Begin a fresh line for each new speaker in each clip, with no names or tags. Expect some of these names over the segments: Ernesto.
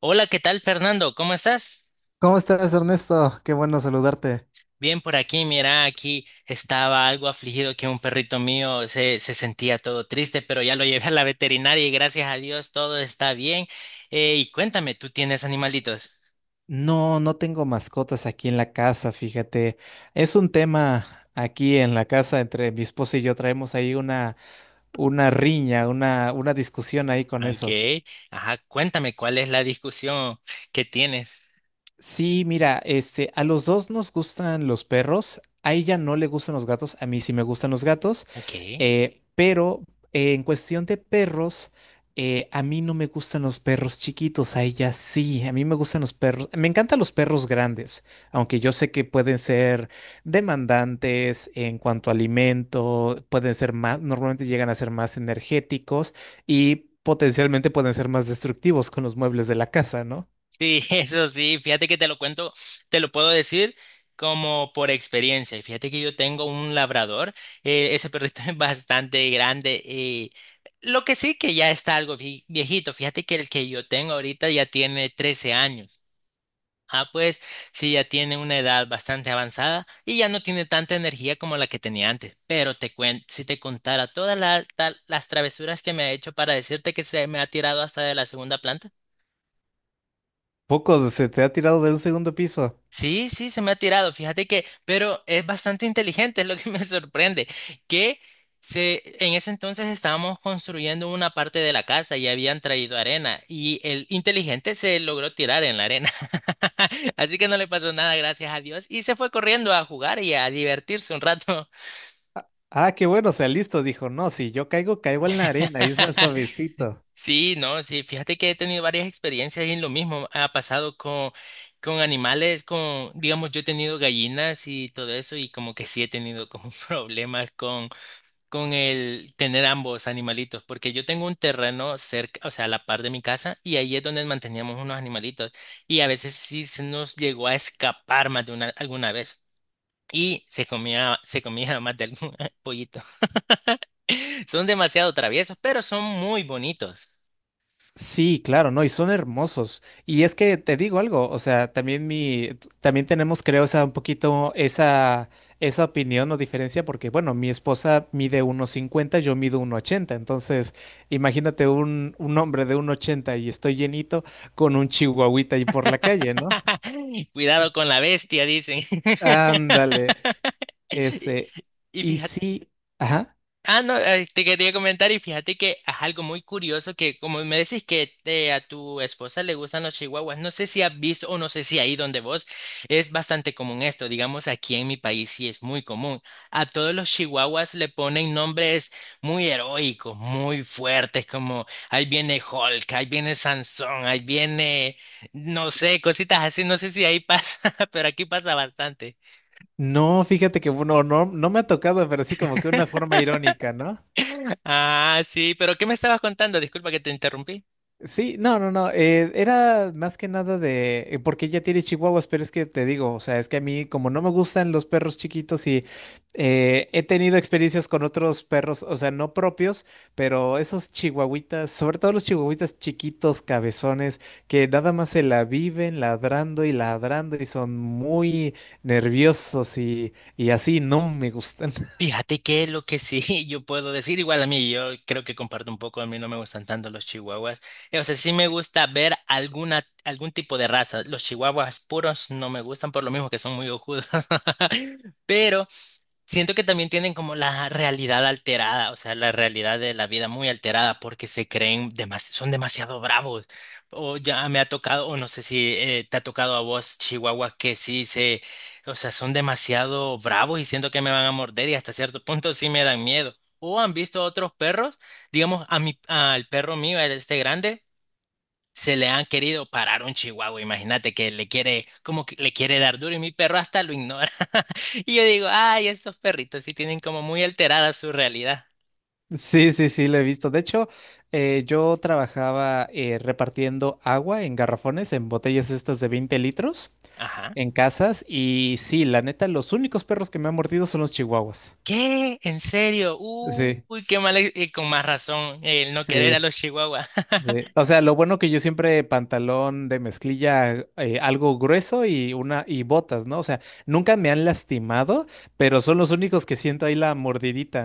Hola, ¿qué tal, Fernando? ¿Cómo estás?
¿Cómo estás, Ernesto? Qué bueno saludarte.
Bien por aquí, mira, aquí estaba algo afligido que un perrito mío se sentía todo triste, pero ya lo llevé a la veterinaria y gracias a Dios todo está bien. Y cuéntame, ¿tú tienes animalitos?
No, no tengo mascotas aquí en la casa, fíjate. Es un tema aquí en la casa entre mi esposa y yo. Traemos ahí una riña, una discusión ahí con eso.
Ok, ajá, cuéntame cuál es la discusión que tienes.
Sí, mira, este, a los dos nos gustan los perros, a ella no le gustan los gatos, a mí sí me gustan los gatos,
Ok.
pero en cuestión de perros, a mí no me gustan los perros chiquitos, a ella sí, a mí me gustan los perros, me encantan los perros grandes, aunque yo sé que pueden ser demandantes en cuanto a alimento, pueden ser más, normalmente llegan a ser más energéticos y potencialmente pueden ser más destructivos con los muebles de la casa, ¿no?
Sí, eso sí, fíjate que te lo cuento, te lo puedo decir como por experiencia. Y fíjate que yo tengo un labrador. Ese perrito es bastante grande y lo que sí que ya está algo viejito. Fíjate que el que yo tengo ahorita ya tiene 13 años. Ah, pues sí, ya tiene una edad bastante avanzada y ya no tiene tanta energía como la que tenía antes. Pero te cuen si te contara todas las, las travesuras que me ha hecho para decirte que se me ha tirado hasta de la segunda planta.
Poco se te ha tirado de un segundo piso.
Sí, sí, se me ha tirado, fíjate que, pero es bastante inteligente, es lo que me sorprende, que en ese entonces estábamos construyendo una parte de la casa y habían traído arena y el inteligente se logró tirar en la arena, así que no le pasó nada, gracias a Dios, y se fue corriendo a jugar y a divertirse un rato.
Ah, ah, qué bueno, o sea, listo, dijo. No, si yo caigo, caigo en la arena y es suavecito.
Sí, no, sí, fíjate que he tenido varias experiencias en lo mismo. Ha pasado con animales, con, digamos, yo he tenido gallinas y todo eso, y como que sí he tenido como problemas con el tener ambos animalitos, porque yo tengo un terreno cerca, o sea, a la par de mi casa, y ahí es donde manteníamos unos animalitos, y a veces sí se nos llegó a escapar más de una, alguna vez. Y se comía más de algún pollito. Son demasiado traviesos, pero son muy bonitos.
Sí, claro, no, y son hermosos. Y es que te digo algo, o sea, también tenemos, creo, o sea, un poquito esa opinión o diferencia, porque bueno, mi esposa mide 1,50, yo mido 1,80, entonces, imagínate un hombre de 1,80 y estoy llenito con un chihuahuita ahí por la calle, ¿no?
Cuidado con la bestia, dicen.
Ándale. Este,
Y
y
fíjate,
sí, ajá.
ah, no, te quería comentar y fíjate que es algo muy curioso que como me decís que a tu esposa le gustan los chihuahuas, no sé si has visto o no sé si ahí donde vos es bastante común esto, digamos aquí en mi país sí es muy común. A todos los chihuahuas le ponen nombres muy heroicos, muy fuertes, como ahí viene Hulk, ahí viene Sansón, ahí viene, no sé, cositas así, no sé si ahí pasa, pero aquí pasa bastante.
No, fíjate que bueno, no, no me ha tocado, pero sí como que una forma irónica, ¿no?
Ah, sí, pero ¿qué me estabas contando? Disculpa que te interrumpí.
Sí, no, no, no, era más que nada porque ella tiene chihuahuas, pero es que te digo, o sea, es que a mí como no me gustan los perros chiquitos y he tenido experiencias con otros perros, o sea, no propios, pero esos chihuahuitas, sobre todo los chihuahuitas chiquitos, cabezones, que nada más se la viven ladrando y ladrando y son muy nerviosos y así, no me gustan.
Fíjate que lo que sí yo puedo decir, igual a mí, yo creo que comparto un poco, a mí no me gustan tanto los chihuahuas. O sea, sí me gusta ver alguna, algún tipo de raza. Los chihuahuas puros no me gustan por lo mismo que son muy ojudos. Pero siento que también tienen como la realidad alterada, o sea, la realidad de la vida muy alterada porque se creen son demasiado bravos. O ya me ha tocado, o no sé si te ha tocado a vos, Chihuahua, que sí se, o sea, son demasiado bravos y siento que me van a morder y hasta cierto punto sí me dan miedo. O han visto otros perros, digamos, a mi, al perro mío, a este grande se le han querido parar un chihuahua, imagínate que le quiere, como que le quiere dar duro y mi perro hasta lo ignora. Y yo digo, ay, estos perritos sí tienen como muy alterada su realidad.
Sí, sí, sí, lo he visto. De hecho, yo trabajaba repartiendo agua en garrafones, en botellas estas de 20 litros,
Ajá.
en casas. Y sí, la neta, los únicos perros que me han mordido son los chihuahuas.
¿Qué? ¿En serio?
Sí,
Uy, qué mal. Y con más razón, el no querer a
sí,
los chihuahuas,
sí. O sea, lo bueno que yo siempre pantalón de mezclilla, algo grueso y una y botas, ¿no? O sea, nunca me han lastimado, pero son los únicos que siento ahí la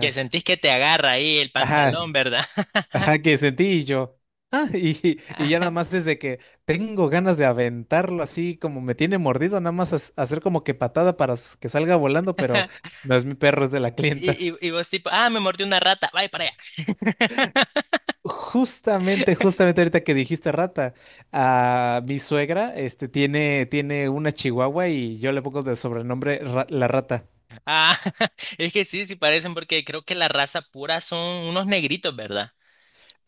que sentís que te agarra ahí el
Ajá,
pantalón, ¿verdad?
ajá, que sentí y yo. Ah, y ya nada más desde que tengo ganas de aventarlo así como me tiene mordido, nada más hacer como que patada para que salga volando, pero no es mi perro, es de la clienta.
Y vos tipo, ah, me mordió una rata, vaya para allá.
Justamente, justamente ahorita que dijiste rata, a mi suegra tiene una chihuahua y yo le pongo de sobrenombre la rata.
Ah, es que sí, sí parecen porque creo que la raza pura son unos negritos, ¿verdad?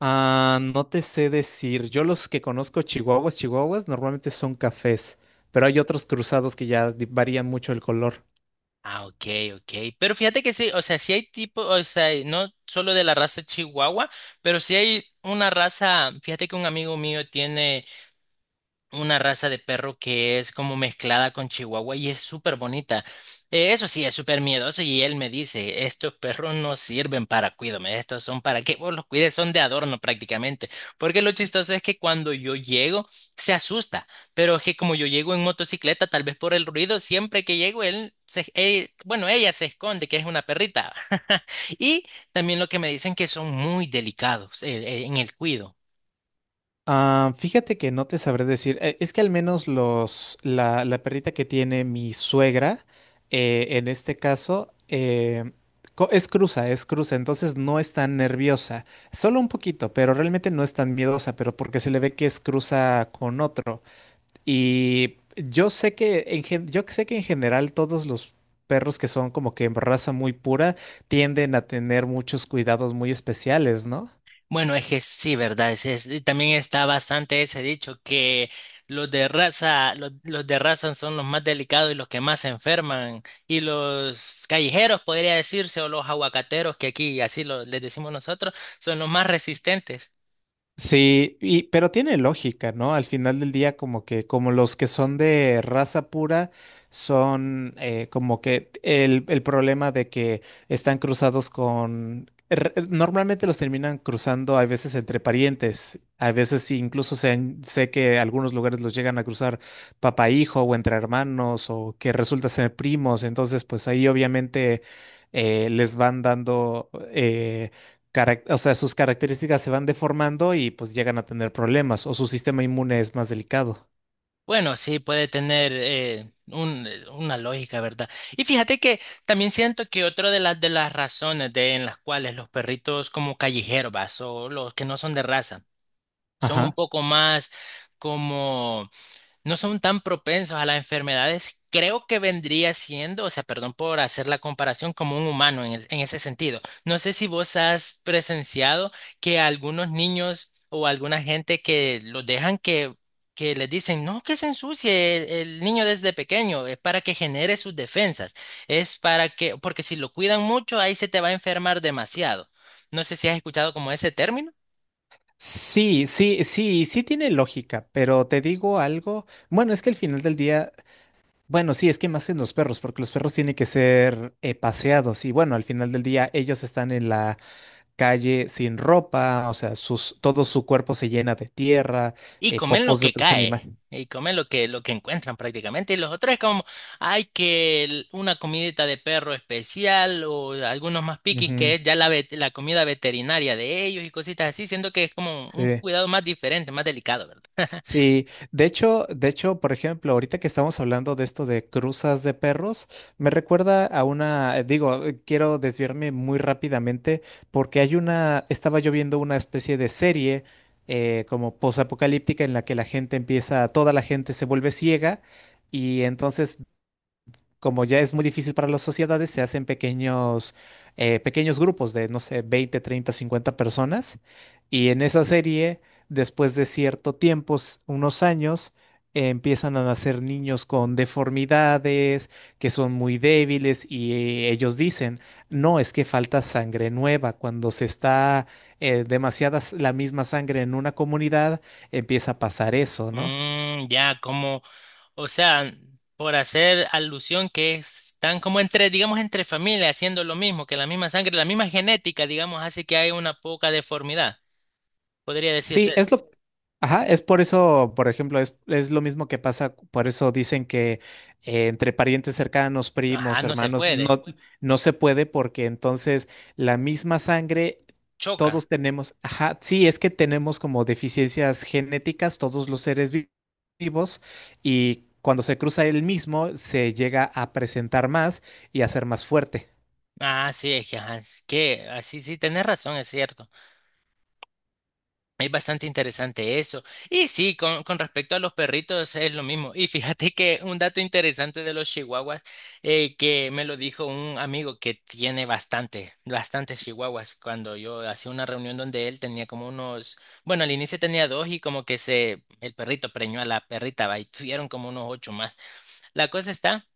Ah, no te sé decir. Yo los que conozco chihuahuas, chihuahuas, normalmente son cafés, pero hay otros cruzados que ya varían mucho el color.
Ah, ok, ok. Pero fíjate que sí, o sea, sí hay tipo, o sea, y no solo de la raza Chihuahua, pero sí hay una raza, fíjate que un amigo mío tiene una raza de perro que es como mezclada con Chihuahua y es súper bonita. Eso sí, es súper miedoso y él me dice, estos perros no sirven para cuidarme, estos son para que vos los cuides, son de adorno prácticamente. Porque lo chistoso es que cuando yo llego, se asusta, pero es que como yo llego en motocicleta, tal vez por el ruido, siempre que llego, bueno, ella se esconde, que es una perrita. Y también lo que me dicen que son muy delicados en el cuido.
Ah, fíjate que no te sabré decir. Es que al menos la perrita que tiene mi suegra, en este caso, es cruza, entonces no es tan nerviosa. Solo un poquito, pero realmente no es tan miedosa, pero porque se le ve que es cruza con otro. Yo sé que en general todos los perros que son como que en raza muy pura tienden a tener muchos cuidados muy especiales, ¿no?
Bueno, es que sí, ¿verdad? Y también está bastante ese dicho que los de raza, los de raza son los más delicados y los que más se enferman. Y los callejeros, podría decirse, o los aguacateros, que aquí así les decimos nosotros, son los más resistentes.
Sí, pero tiene lógica, ¿no? Al final del día, como los que son de raza pura, son como que el problema de que están cruzados con. Normalmente los terminan cruzando a veces entre parientes, a veces sí, incluso sé que algunos lugares los llegan a cruzar papá hijo o entre hermanos o que resulta ser primos, entonces pues ahí obviamente les van dando o sea, sus características se van deformando y pues llegan a tener problemas o su sistema inmune es más delicado.
Bueno, sí, puede tener una lógica, ¿verdad? Y fíjate que también siento que otra de de las razones de, en las cuales los perritos como callejeros, vas, o los que no son de raza, son un
Ajá.
poco más como no son tan propensos a las enfermedades, creo que vendría siendo, o sea, perdón por hacer la comparación, como un humano en ese sentido. No sé si vos has presenciado que algunos niños o alguna gente que los dejan que les dicen, no, que se ensucie el niño desde pequeño, es para que genere sus defensas, es para que, porque si lo cuidan mucho, ahí se te va a enfermar demasiado. No sé si has escuchado como ese término.
Sí, sí, sí, sí tiene lógica, pero te digo algo. Bueno, es que al final del día, bueno, sí, es que más en los perros, porque los perros tienen que ser paseados y bueno, al final del día ellos están en la calle sin ropa, o sea, todo su cuerpo se llena de tierra,
Y comen lo
popos de
que
otros
cae.
animales.
Y comen lo que encuentran prácticamente. Y los otros es como, hay que una comidita de perro especial o algunos más piquis que
Ujú,
es ya la comida veterinaria de ellos y cositas así, siendo que es como un
sí.
cuidado más diferente, más delicado, ¿verdad?
Sí, de hecho, por ejemplo, ahorita que estamos hablando de esto de cruzas de perros, me recuerda quiero desviarme muy rápidamente porque hay estaba yo viendo una especie de serie como posapocalíptica en la que la gente empieza, toda la gente se vuelve ciega y entonces como ya es muy difícil para las sociedades, se hacen pequeños grupos de, no sé, 20, 30, 50 personas. Y en esa serie, después de cierto tiempo, unos años, empiezan a nacer niños con deformidades, que son muy débiles, y ellos dicen, no, es que falta sangre nueva. Cuando se está demasiada la misma sangre en una comunidad, empieza a pasar eso, ¿no?
Mm, ya, como, o sea, por hacer alusión que están como entre, digamos, entre familias haciendo lo mismo, que la misma sangre, la misma genética, digamos, hace que hay una poca deformidad. Podría
Sí,
decirse,
ajá, es por eso, por ejemplo, es lo mismo que pasa, por eso dicen que entre parientes cercanos,
ajá,
primos,
no se
hermanos,
puede,
no, no se puede porque entonces la misma sangre,
choca.
todos tenemos, ajá, sí, es que tenemos como deficiencias genéticas, todos los seres vivos, y cuando se cruza el mismo, se llega a presentar más y a ser más fuerte.
Ah, sí, es que, ajá, es que así sí, sí, tenés razón, es cierto. Es bastante interesante eso. Y sí, con respecto a los perritos es lo mismo. Y fíjate que un dato interesante de los chihuahuas, que me lo dijo un amigo que tiene bastante, bastantes chihuahuas, cuando yo hacía una reunión donde él tenía como unos, bueno, al inicio tenía dos y como que se, el perrito preñó a la perrita, va, y tuvieron como unos ocho más. La cosa está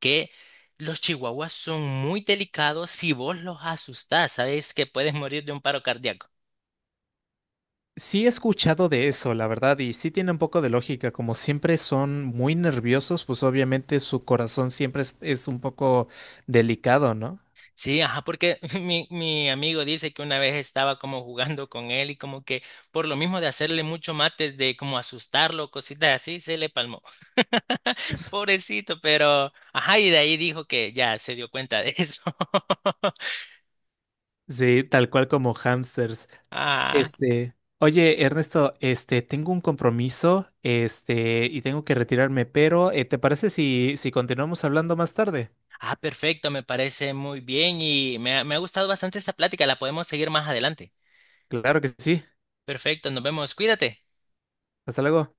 que los chihuahuas son muy delicados si vos los asustás, sabes que puedes morir de un paro cardíaco.
Sí he escuchado de eso, la verdad, y sí tiene un poco de lógica. Como siempre son muy nerviosos, pues obviamente su corazón siempre es un poco delicado, ¿no?
Sí, ajá, porque mi amigo dice que una vez estaba como jugando con él y como que por lo mismo de hacerle mucho mates, de como asustarlo, cositas así, se le palmó. Pobrecito, pero ajá, y de ahí dijo que ya se dio cuenta de eso.
Sí, tal cual como hamsters.
Ah,
Oye, Ernesto, tengo un compromiso, y tengo que retirarme, pero ¿te parece si continuamos hablando más tarde?
ah, perfecto, me parece muy bien y me ha gustado bastante esta plática, la podemos seguir más adelante.
Claro que sí.
Perfecto, nos vemos, cuídate.
Hasta luego.